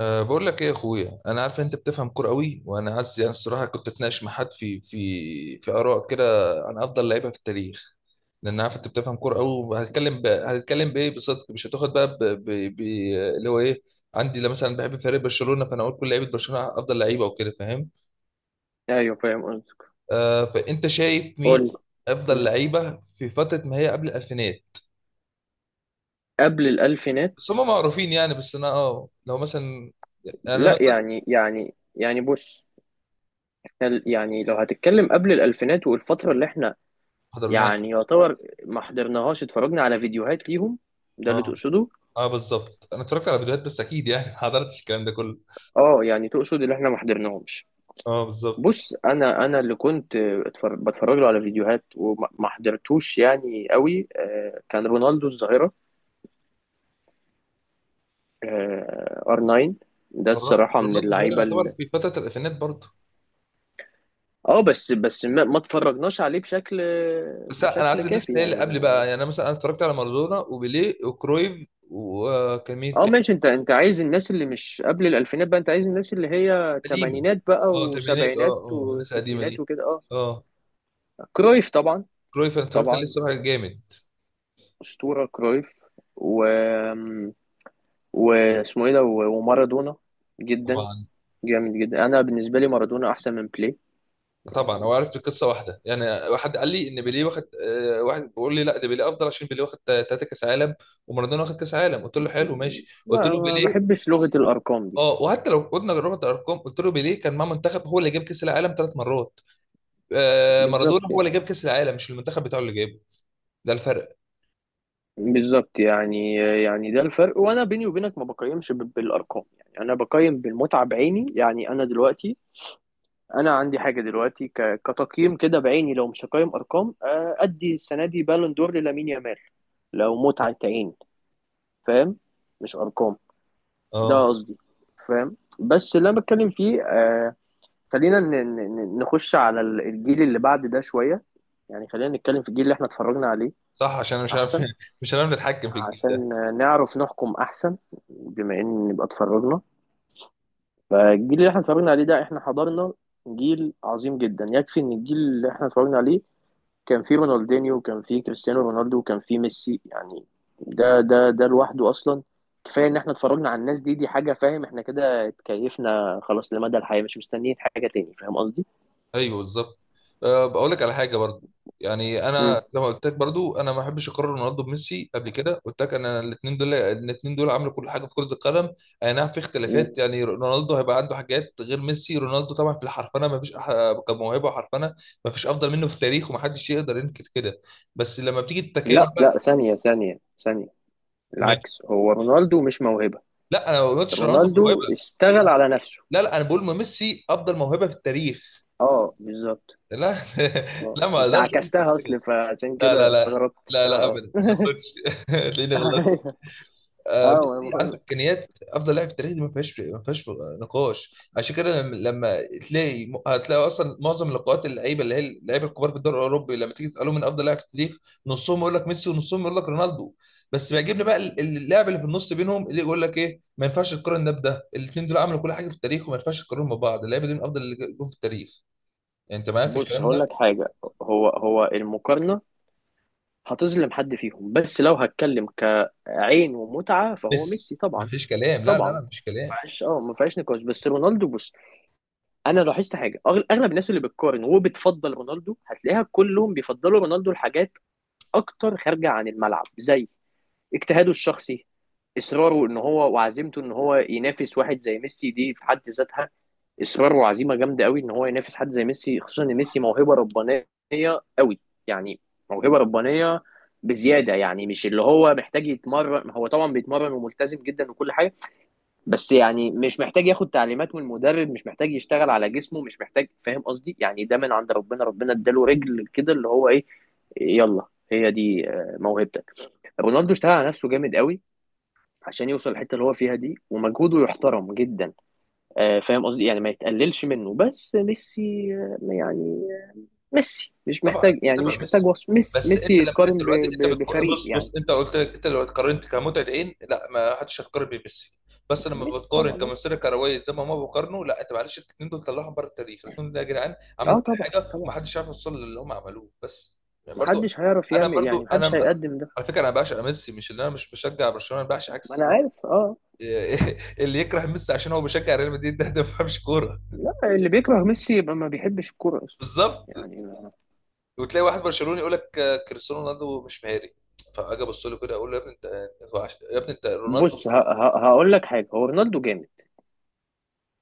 بقول لك ايه يا اخويا، انا عارف انت بتفهم كوره قوي، وانا عايز يعني الصراحه كنت اتناقش مع حد في اراء كده عن افضل لعيبه في التاريخ، لان عارف انت بتفهم كوره قوي. وهتكلم هتكلم بايه بصدق؟ مش هتاخد بقى ب... اللي هو ايه؟ عندي لا، مثلا بحب فريق برشلونه فانا اقول كل لعيبه برشلونه افضل لعيبه وكده، فاهم. ايوه، فاهم قصدك. أه، فانت شايف مين قول. م. افضل لعيبه في فتره ما هي قبل الالفينات؟ قبل الالفينات. بس هم معروفين يعني. بس انا اه لو مثلا، يعني انا لا، مثلا، يعني بص، إحنا يعني لو هتتكلم قبل الالفينات والفتره اللي احنا حضرناه. يعني يعتبر ما حضرناهاش، اتفرجنا على فيديوهات ليهم. ده اللي اه تقصده؟ اه بالظبط، انا اتفرجت على فيديوهات بس اكيد يعني ما حضرتش الكلام ده كله. اه، يعني تقصد اللي احنا ما حضرناهمش. اه بالظبط. بص، انا اللي كنت بتفرج له على فيديوهات وما ما حضرتوش يعني قوي، كان رونالدو الظاهره. ار 9، ده الصراحه من رونالدو الظاهري اللعيبه. يعتبر في فتره الالفينات برضه. اه بس، ما اتفرجناش عليه بشكل بس انا بشكل عايز الناس كافي اللي هي اللي يعني. قبل بقى. يعني انا مثلا، انا اتفرجت على مارادونا وبيليه وكرويف، وكان مين اه تاني؟ ماشي، انت عايز الناس اللي مش قبل الالفينات بقى، انت عايز الناس اللي هي قديمه. تمانينات بقى اه تمانينات، اه وسبعينات اه الناس القديمه وستينات دي. وكده اه. اه كرويف طبعا. كرويف، انا اتفرجت عليه طبعا، الصراحه جامد. اسطورة كرويف. و واسمه ايه ده ومارادونا. جدا طبعا جامد جدا. انا بالنسبة لي مارادونا احسن من بلاي. طبعا. هو عارف القصه واحده يعني. واحد قال لي ان بيليه واخد آه، واحد بيقول لي لا ده بيليه افضل عشان بيليه واخد ثلاثه كاس عالم ومارادونا واخد كاس عالم، قلت له حلو ماشي. قلت له لا، ما بيليه. بحبش لغة الارقام دي. اه وحتى لو قلنا رحت الارقام، قلت له بيليه كان مع منتخب هو اللي جاب كاس العالم ثلاث مرات. آه بالظبط مارادونا هو اللي يعني. جاب كاس العالم، مش المنتخب بتاعه اللي جابه. ده الفرق. بالظبط يعني، يعني ده الفرق. وانا بيني وبينك ما بقيمش بالارقام، يعني انا بقيم بالمتعه بعيني. يعني انا دلوقتي، انا عندي حاجه دلوقتي كتقييم كده بعيني. لو مش هقيم ارقام، ادي السنه دي بالون دور للامين يامال، لو متعه عين. فاهم؟ مش ارقام، ده اه قصدي. فاهم؟ بس اللي انا بتكلم فيه، خلينا نخش على الجيل اللي بعد ده شويه، يعني خلينا نتكلم في الجيل اللي احنا اتفرجنا عليه. صح، عشان أنا مش عارف احسن، مش هنعرف نتحكم في الجيل. عشان نعرف نحكم احسن، بما ان نبقى اتفرجنا. فالجيل اللي احنا اتفرجنا عليه ده احنا حضرنا جيل عظيم جدا. يكفي ان الجيل اللي احنا اتفرجنا عليه كان فيه رونالدينيو وكان فيه كريستيانو رونالدو وكان فيه ميسي يعني. ده لوحده اصلا كفايه. ان احنا اتفرجنا على الناس دي، دي حاجه. فاهم؟ احنا كده اتكيفنا خلاص لمدى الحياه، مش مستنيين حاجه تاني. فاهم قصدي؟ ايوه بالظبط. أه بقول لك على حاجه برضو. يعني مم. انا لما قلت لك برضو انا ما بحبش اقرر رونالدو بميسي، قبل كده قلت لك انا الاثنين دول، الاثنين دول عملوا كل حاجه في كره القدم. اي نعم في مم. اختلافات، يعني رونالدو هيبقى عنده حاجات غير ميسي. رونالدو طبعا في الحرفنه ما فيش كموهبه وحرفنه ما فيش افضل منه في التاريخ، ومحدش يقدر ينكر كده. بس لما بتيجي التكامل لا بقى. لا، ثانيه ثانيه ثانيه، م- العكس، هو رونالدو مش موهبه، لا انا ما قلتش رونالدو رونالدو موهبه. اشتغل على نفسه. لا لا، انا بقول ميسي افضل موهبه في التاريخ. اه بالظبط. لا اه، لا ما انت اقدرش انكر عكستها، كده. اصل فعشان لا لا كده لا. استغربت. لا لا، اه ابدا ما اه اقصدش تلاقيني غلطت. أيوة. آه اه، انا ميسي بقول عنده لك، امكانيات افضل لاعب في التاريخ، دي ما فيهاش، ما فيهاش نقاش. عشان كده لما تلاقي، هتلاقي اصلا معظم لقاءات اللعيبه اللي هي اللعيبه الكبار في الدوري الاوروبي لما تيجي تسالهم من افضل لاعب في التاريخ، نصهم يقول لك ميسي ونصهم يقول لك رونالدو. بس بيعجبني بقى اللاعب اللي في النص بينهم اللي يقول لك ايه، ما ينفعش تقارن ده بده، الاثنين دول عملوا كل حاجه في التاريخ وما ينفعش تقارنهم ببعض. اللعيبه دي من افضل اللي جم في التاريخ. يعني انت معايا في بص الكلام هقول ده؟ لك حاجه، هو المقارنه هتظلم حد فيهم. بس لو هتكلم كعين ومتعه، فهو ميسي ميسي ما طبعا. فيش كلام، لا لا طبعا لا ما فيش كلام. فيهاش اه ما فيهاش نقاش. بس رونالدو، بص، انا لاحظت حاجه، اغلب الناس اللي بتقارن وبتفضل رونالدو هتلاقيها كلهم بيفضلوا رونالدو لحاجات اكتر خارجه عن الملعب، زي اجتهاده الشخصي، اصراره ان هو وعزيمته ان هو ينافس واحد زي ميسي. دي في حد ذاتها اصرار وعزيمه جامده قوي، ان هو ينافس حد زي ميسي، خصوصا ان ميسي موهبه ربانيه قوي، يعني موهبه ربانيه بزياده. يعني مش اللي هو محتاج يتمرن، هو طبعا بيتمرن وملتزم جدا وكل حاجه، بس يعني مش محتاج ياخد تعليمات من المدرب، مش محتاج يشتغل على جسمه، مش محتاج، فاهم قصدي؟ يعني ده من عند ربنا اداله رجل كده اللي هو ايه، يلا هي دي موهبتك. رونالدو اشتغل على نفسه جامد قوي عشان يوصل الحته اللي هو فيها دي، ومجهوده يحترم جدا. فاهم قصدي؟ يعني ما يتقللش منه. بس ميسي، يعني ميسي مش طبعا محتاج، يعني طبعا مش محتاج ميسي. وصف، ميسي بس ميسي انت لما انت يتقارن دلوقتي انت بفريق بص يعني. بص، انت قلت لك انت لو قارنت كمتعه عين لا، ما حدش هيقارن بميسي. بس لما ميسي بتقارن طبعا اه. كمسيره كرويه زي ما هما بيقارنوا، لا انت معلش الاثنين دول طلعهم بره التاريخ، الاثنين دول يا جدعان عملوا كل طبعا حاجه طبعا، ومحدش عارف يوصل للي هم عملوه بس. يعني برضو محدش هيعرف انا يعمل، يعني برضو محدش هيقدم ده. على فكره انا بعشق ميسي، مش ان انا مش بشجع برشلونه، انا بعشق ما عكس انا عارف اه. اللي يكره ميسي عشان هو بيشجع ريال مدريد، ده ده ما بيفهمش كوره. لا، اللي بيكره ميسي يبقى ما بيحبش الكوره اصلا بالظبط. يعني. وتلاقي واحد برشلوني يقول لك آه، كريستيانو رونالدو مش مهاري، فاجي ابص له كده اقول له يا ابني انت، أنت يا ابني انت رونالدو. بص، هقول لك حاجه، هو رونالدو جامد،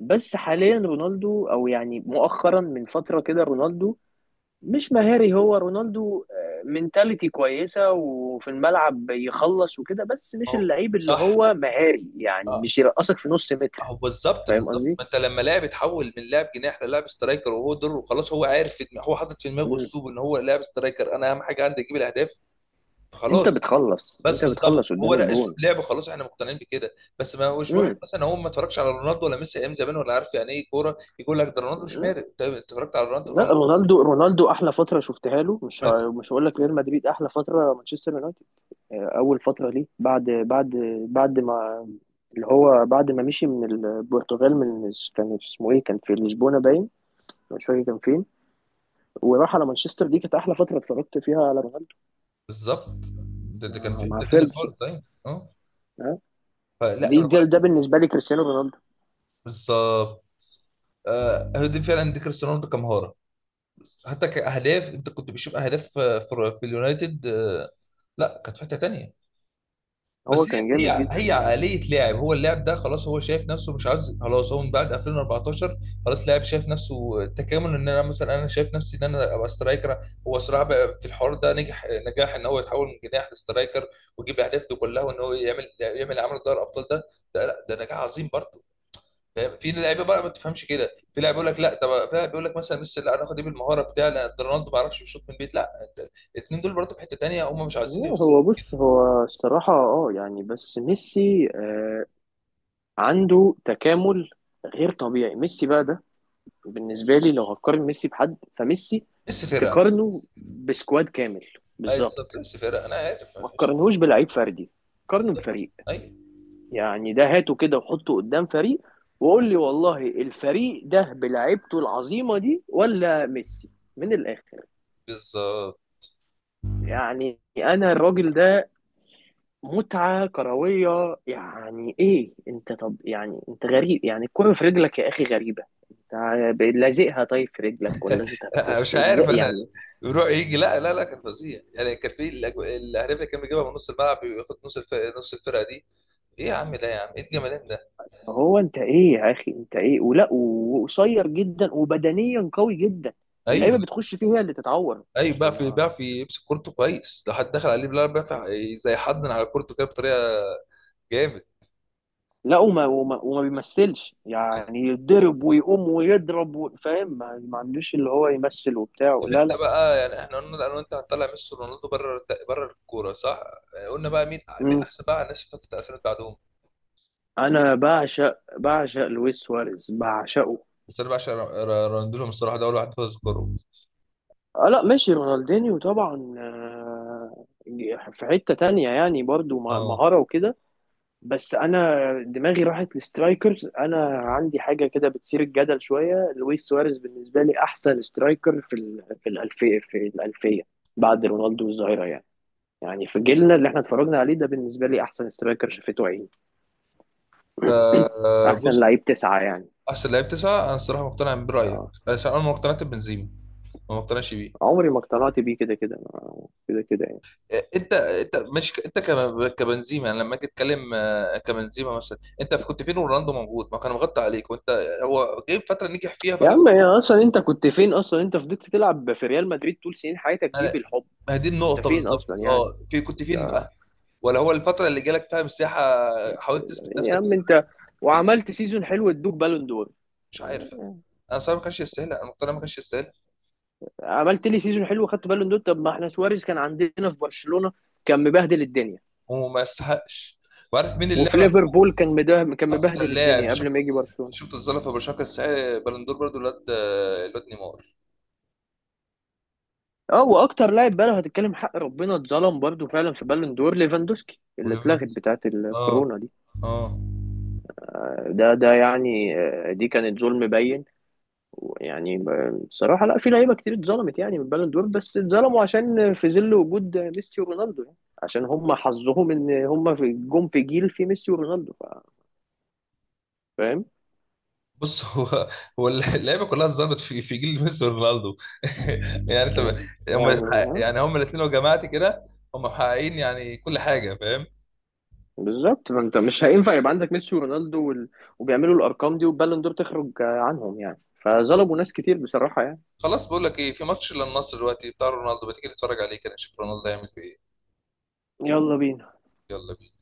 بس حاليا رونالدو، او يعني مؤخرا من فتره كده، رونالدو مش مهاري. هو رونالدو منتاليتي كويسة، وفي الملعب يخلص وكده، بس ما مش هو اللعيب اللي صح. هو مهاري، يعني اه مش يرقصك في نص متر. اهو بالظبط فاهم بالظبط. قصدي؟ ما انت لما لاعب يتحول من لاعب جناح للاعب سترايكر وهو دوره خلاص، هو عارف في دماغه، هو حاطط في دماغه مم. اسلوب ان هو لاعب سترايكر انا اهم حاجه عندي اجيب الاهداف، انت خلاص. بتخلص بس انت بالظبط بتخلص هو قدام ده اسلوب الجون. لعبه، خلاص احنا مقتنعين بكده. بس ما هوش واحد مم. مثلا هو ما اتفرجش على رونالدو ولا ميسي ايام زمان ولا عارف يعني ايه كوره يقول لك ده رونالدو مش مهاري. انت أنت اتفرجت على رونالدو؟ لا، رونالدو احلى فترة شفتها له، اه مش هقول لك ريال مدريد، احلى فترة مانشستر يونايتد. اول فترة ليه، بعد ما، اللي هو بعد ما مشي من البرتغال، من كان اسمه ايه، كان في لشبونة باين، مش فاكر كان فين، وراح على مانشستر، دي كانت احلى فتره اتفرجت فيها على رونالدو، بالظبط. ده كان مع في مع حته تانيه فيرجسون. خالص، ايوه اه. ها؟ فلا دي انا بقول ده, لك ده بالنسبه لي كريستيانو رونالدو. بالظبط. آه هو دي فعلا دي كريستيانو رونالدو كمهاره. بس حتى كاهداف انت كنت بتشوف اهداف آه، في اليونايتد، آه لا كانت في حته تانيه. بس هو هي كان جامد هي جدا هي يعني. عقليه لاعب. هو اللاعب ده خلاص هو شايف نفسه، مش عايز خلاص. هو من بعد 2014 خلاص لاعب شايف نفسه، التكامل ان انا مثلا انا شايف نفسي ان انا ابقى سترايكر. هو صراحه بقى في الحوار ده نجح نجاح ان هو يتحول من جناح لسترايكر، ويجيب الاهداف دي كلها، وان هو يعمل يعمل عمل دوري الابطال ده. ده لا ده نجاح عظيم برضه. فاهم؟ في لعيبه بقى ما تفهمش كده، في لاعب يقول لك لا، طب في لاعب يقول لك مثلا ميسي لا انا اخد ايه بالمهاره بتاعي، لا ده رونالدو ما يعرفش يشوط من البيت. لا الاثنين دول برضه في حته تانيه، هم مش عايزين لا، يوصلوا. هو بص، هو الصراحه اه يعني، بس ميسي عنده تكامل غير طبيعي. ميسي بقى ده، بالنسبه لي لو هقارن ميسي بحد، فميسي ميسي فرقه. تقارنه بسكواد كامل، اي بالظبط بالظبط. بس فرق، انا عارف ما أنا مش- تقارنهوش بلعيب فردي، قارنه بفريق، اي يعني ده هاته كده وحطه قدام فريق، وقول لي والله الفريق ده بلعيبته العظيمة دي ولا ميسي؟ من الآخر. بالظبط. يعني أنا الراجل ده متعة كروية، يعني إيه أنت؟ طب يعني أنت غريب، يعني الكرة في رجلك يا أخي غريبة. أنت لازقها طيب في رجلك، ولا أنت أنا مش إزاي عارف انا يعني؟ يروح يجي، لا لا لا كان فظيع يعني. كان في الاهداف اللي كان بيجيبها من نص الملعب، بياخد نص الفرقه، نص الفرقه دي ايه يا عم؟ ده يا عم ايه الجمالان ده! هو أنت إيه يا أخي؟ أنت إيه؟ ولا وقصير جدا وبدنيا قوي جدا، اللعيبة ايوه بتخش فيه هي اللي تتعور، ايوه، مش، بيعرف بيعرف يمسك كورته كويس، لو حد دخل عليه بالعرض بيعرف زي حضن على كورته كده بطريقه جامد. لا، وما بيمثلش، يعني يضرب ويقوم ويضرب فاهم، ما عندوش اللي هو يمثل وبتاع، طب لا انت لا. بقى يعني احنا قلنا انا وانت هنطلع ميسي ورونالدو بره بره الكوره، صح؟ قلنا بقى مين، مين مم. احسن بقى الناس اللي فتره 2000 بعدهم؟ انا بعشق لويس سواريز، بعشقه. بس انا بعشق راندولهم الصراحه، ده اول واحد اذكره. اه لا ماشي، رونالدينيو طبعا، في حتة تانية يعني برضو، اه مهارة وكده. بس انا دماغي راحت لسترايكرز. انا عندي حاجة كده بتثير الجدل شوية، لويس سواريز بالنسبة لي احسن سترايكر في الالفية بعد رونالدو والظاهرة يعني. يعني في جيلنا اللي احنا اتفرجنا عليه ده، بالنسبة لي أحسن سترايكر شافته عيني، آه آه، أحسن بص. لعيب تسعة يعني. احسن لعيب تسعه، انا الصراحه مقتنع برايك اه، بس انا ما اقتنعت ببنزيما. ما مقتنعش بيه. عمري ما اقتنعت بيه، كده كده كده كده يعني. آه، انت انت مش ك- انت كم- كبنزيما، يعني لما اجي اتكلم آه، كبنزيما مثلا، انت كنت فين ورونالدو موجود؟ ما كان مغطى عليك وانت. هو جاي فتره نجح فيها يا فقال لك عم يا، أصلا أنت كنت فين؟ أصلا أنت فضلت تلعب في ريال مدريد طول سنين حياتك دي انا. بالحب. ما هي دي أنت النقطه فين بالظبط، أصلا يعني؟ اه في كنت أنت، فين بقى؟ ولا هو الفتره اللي جالك فيها مساحه حاولت تثبت يا نفسك في عم السنة أنت، دي؟ وعملت سيزون حلو ادوك بالون دور؟ مش عارف، انا صراحه ما كانش يستاهل، انا مقتنع ما كانش يستاهل. عملت لي سيزون حلو خدت بالون دور. طب ما احنا سواريز كان عندنا في برشلونة، كان مبهدل الدنيا. وما يستحقش. وعارف مين وفي اللاعب ليفربول كان كان اكتر مبهدل لاعب الدنيا شفت، قبل ما يجي برشلونة. شفت الظلم في برشلونه كاس بلندور برضو، الواد الواد نيمار. اه، واكتر لاعب بقى لو هتتكلم حق ربنا اتظلم برضو فعلا في بالون دور، ليفاندوسكي اللي اتلغت وليفاندوسكي، بتاعت اه الكورونا دي. اه. ده يعني، دي كانت ظلم باين. ويعني بصراحة لا، في لعيبة كتير اتظلمت يعني من بالون دور، بس اتظلموا عشان في ظل وجود ميسي ورونالدو يعني، عشان هم حظهم ان هم في، في جيل في ميسي ورونالدو، فاهم بص هو هو اللعيبه كلها اتظلمت في جيل ميسي ورونالدو. يعني انت. هم. يعني؟ ها، يعني هم الاثنين لو جمعت كده هم محققين يعني كل حاجه، فاهم. بالظبط. ما انت مش هينفع يبقى عندك ميسي ورونالدو وبيعملوا الارقام دي، والبالون دور تخرج عنهم، يعني بالظبط. فظلموا ناس كتير بصراحة يعني. خلاص بقول لك ايه، في ماتش للنصر دلوقتي بتاع رونالدو، بتيجي تتفرج عليه كده نشوف رونالدو هيعمل فيه ايه؟ يلا بينا. يلا بينا.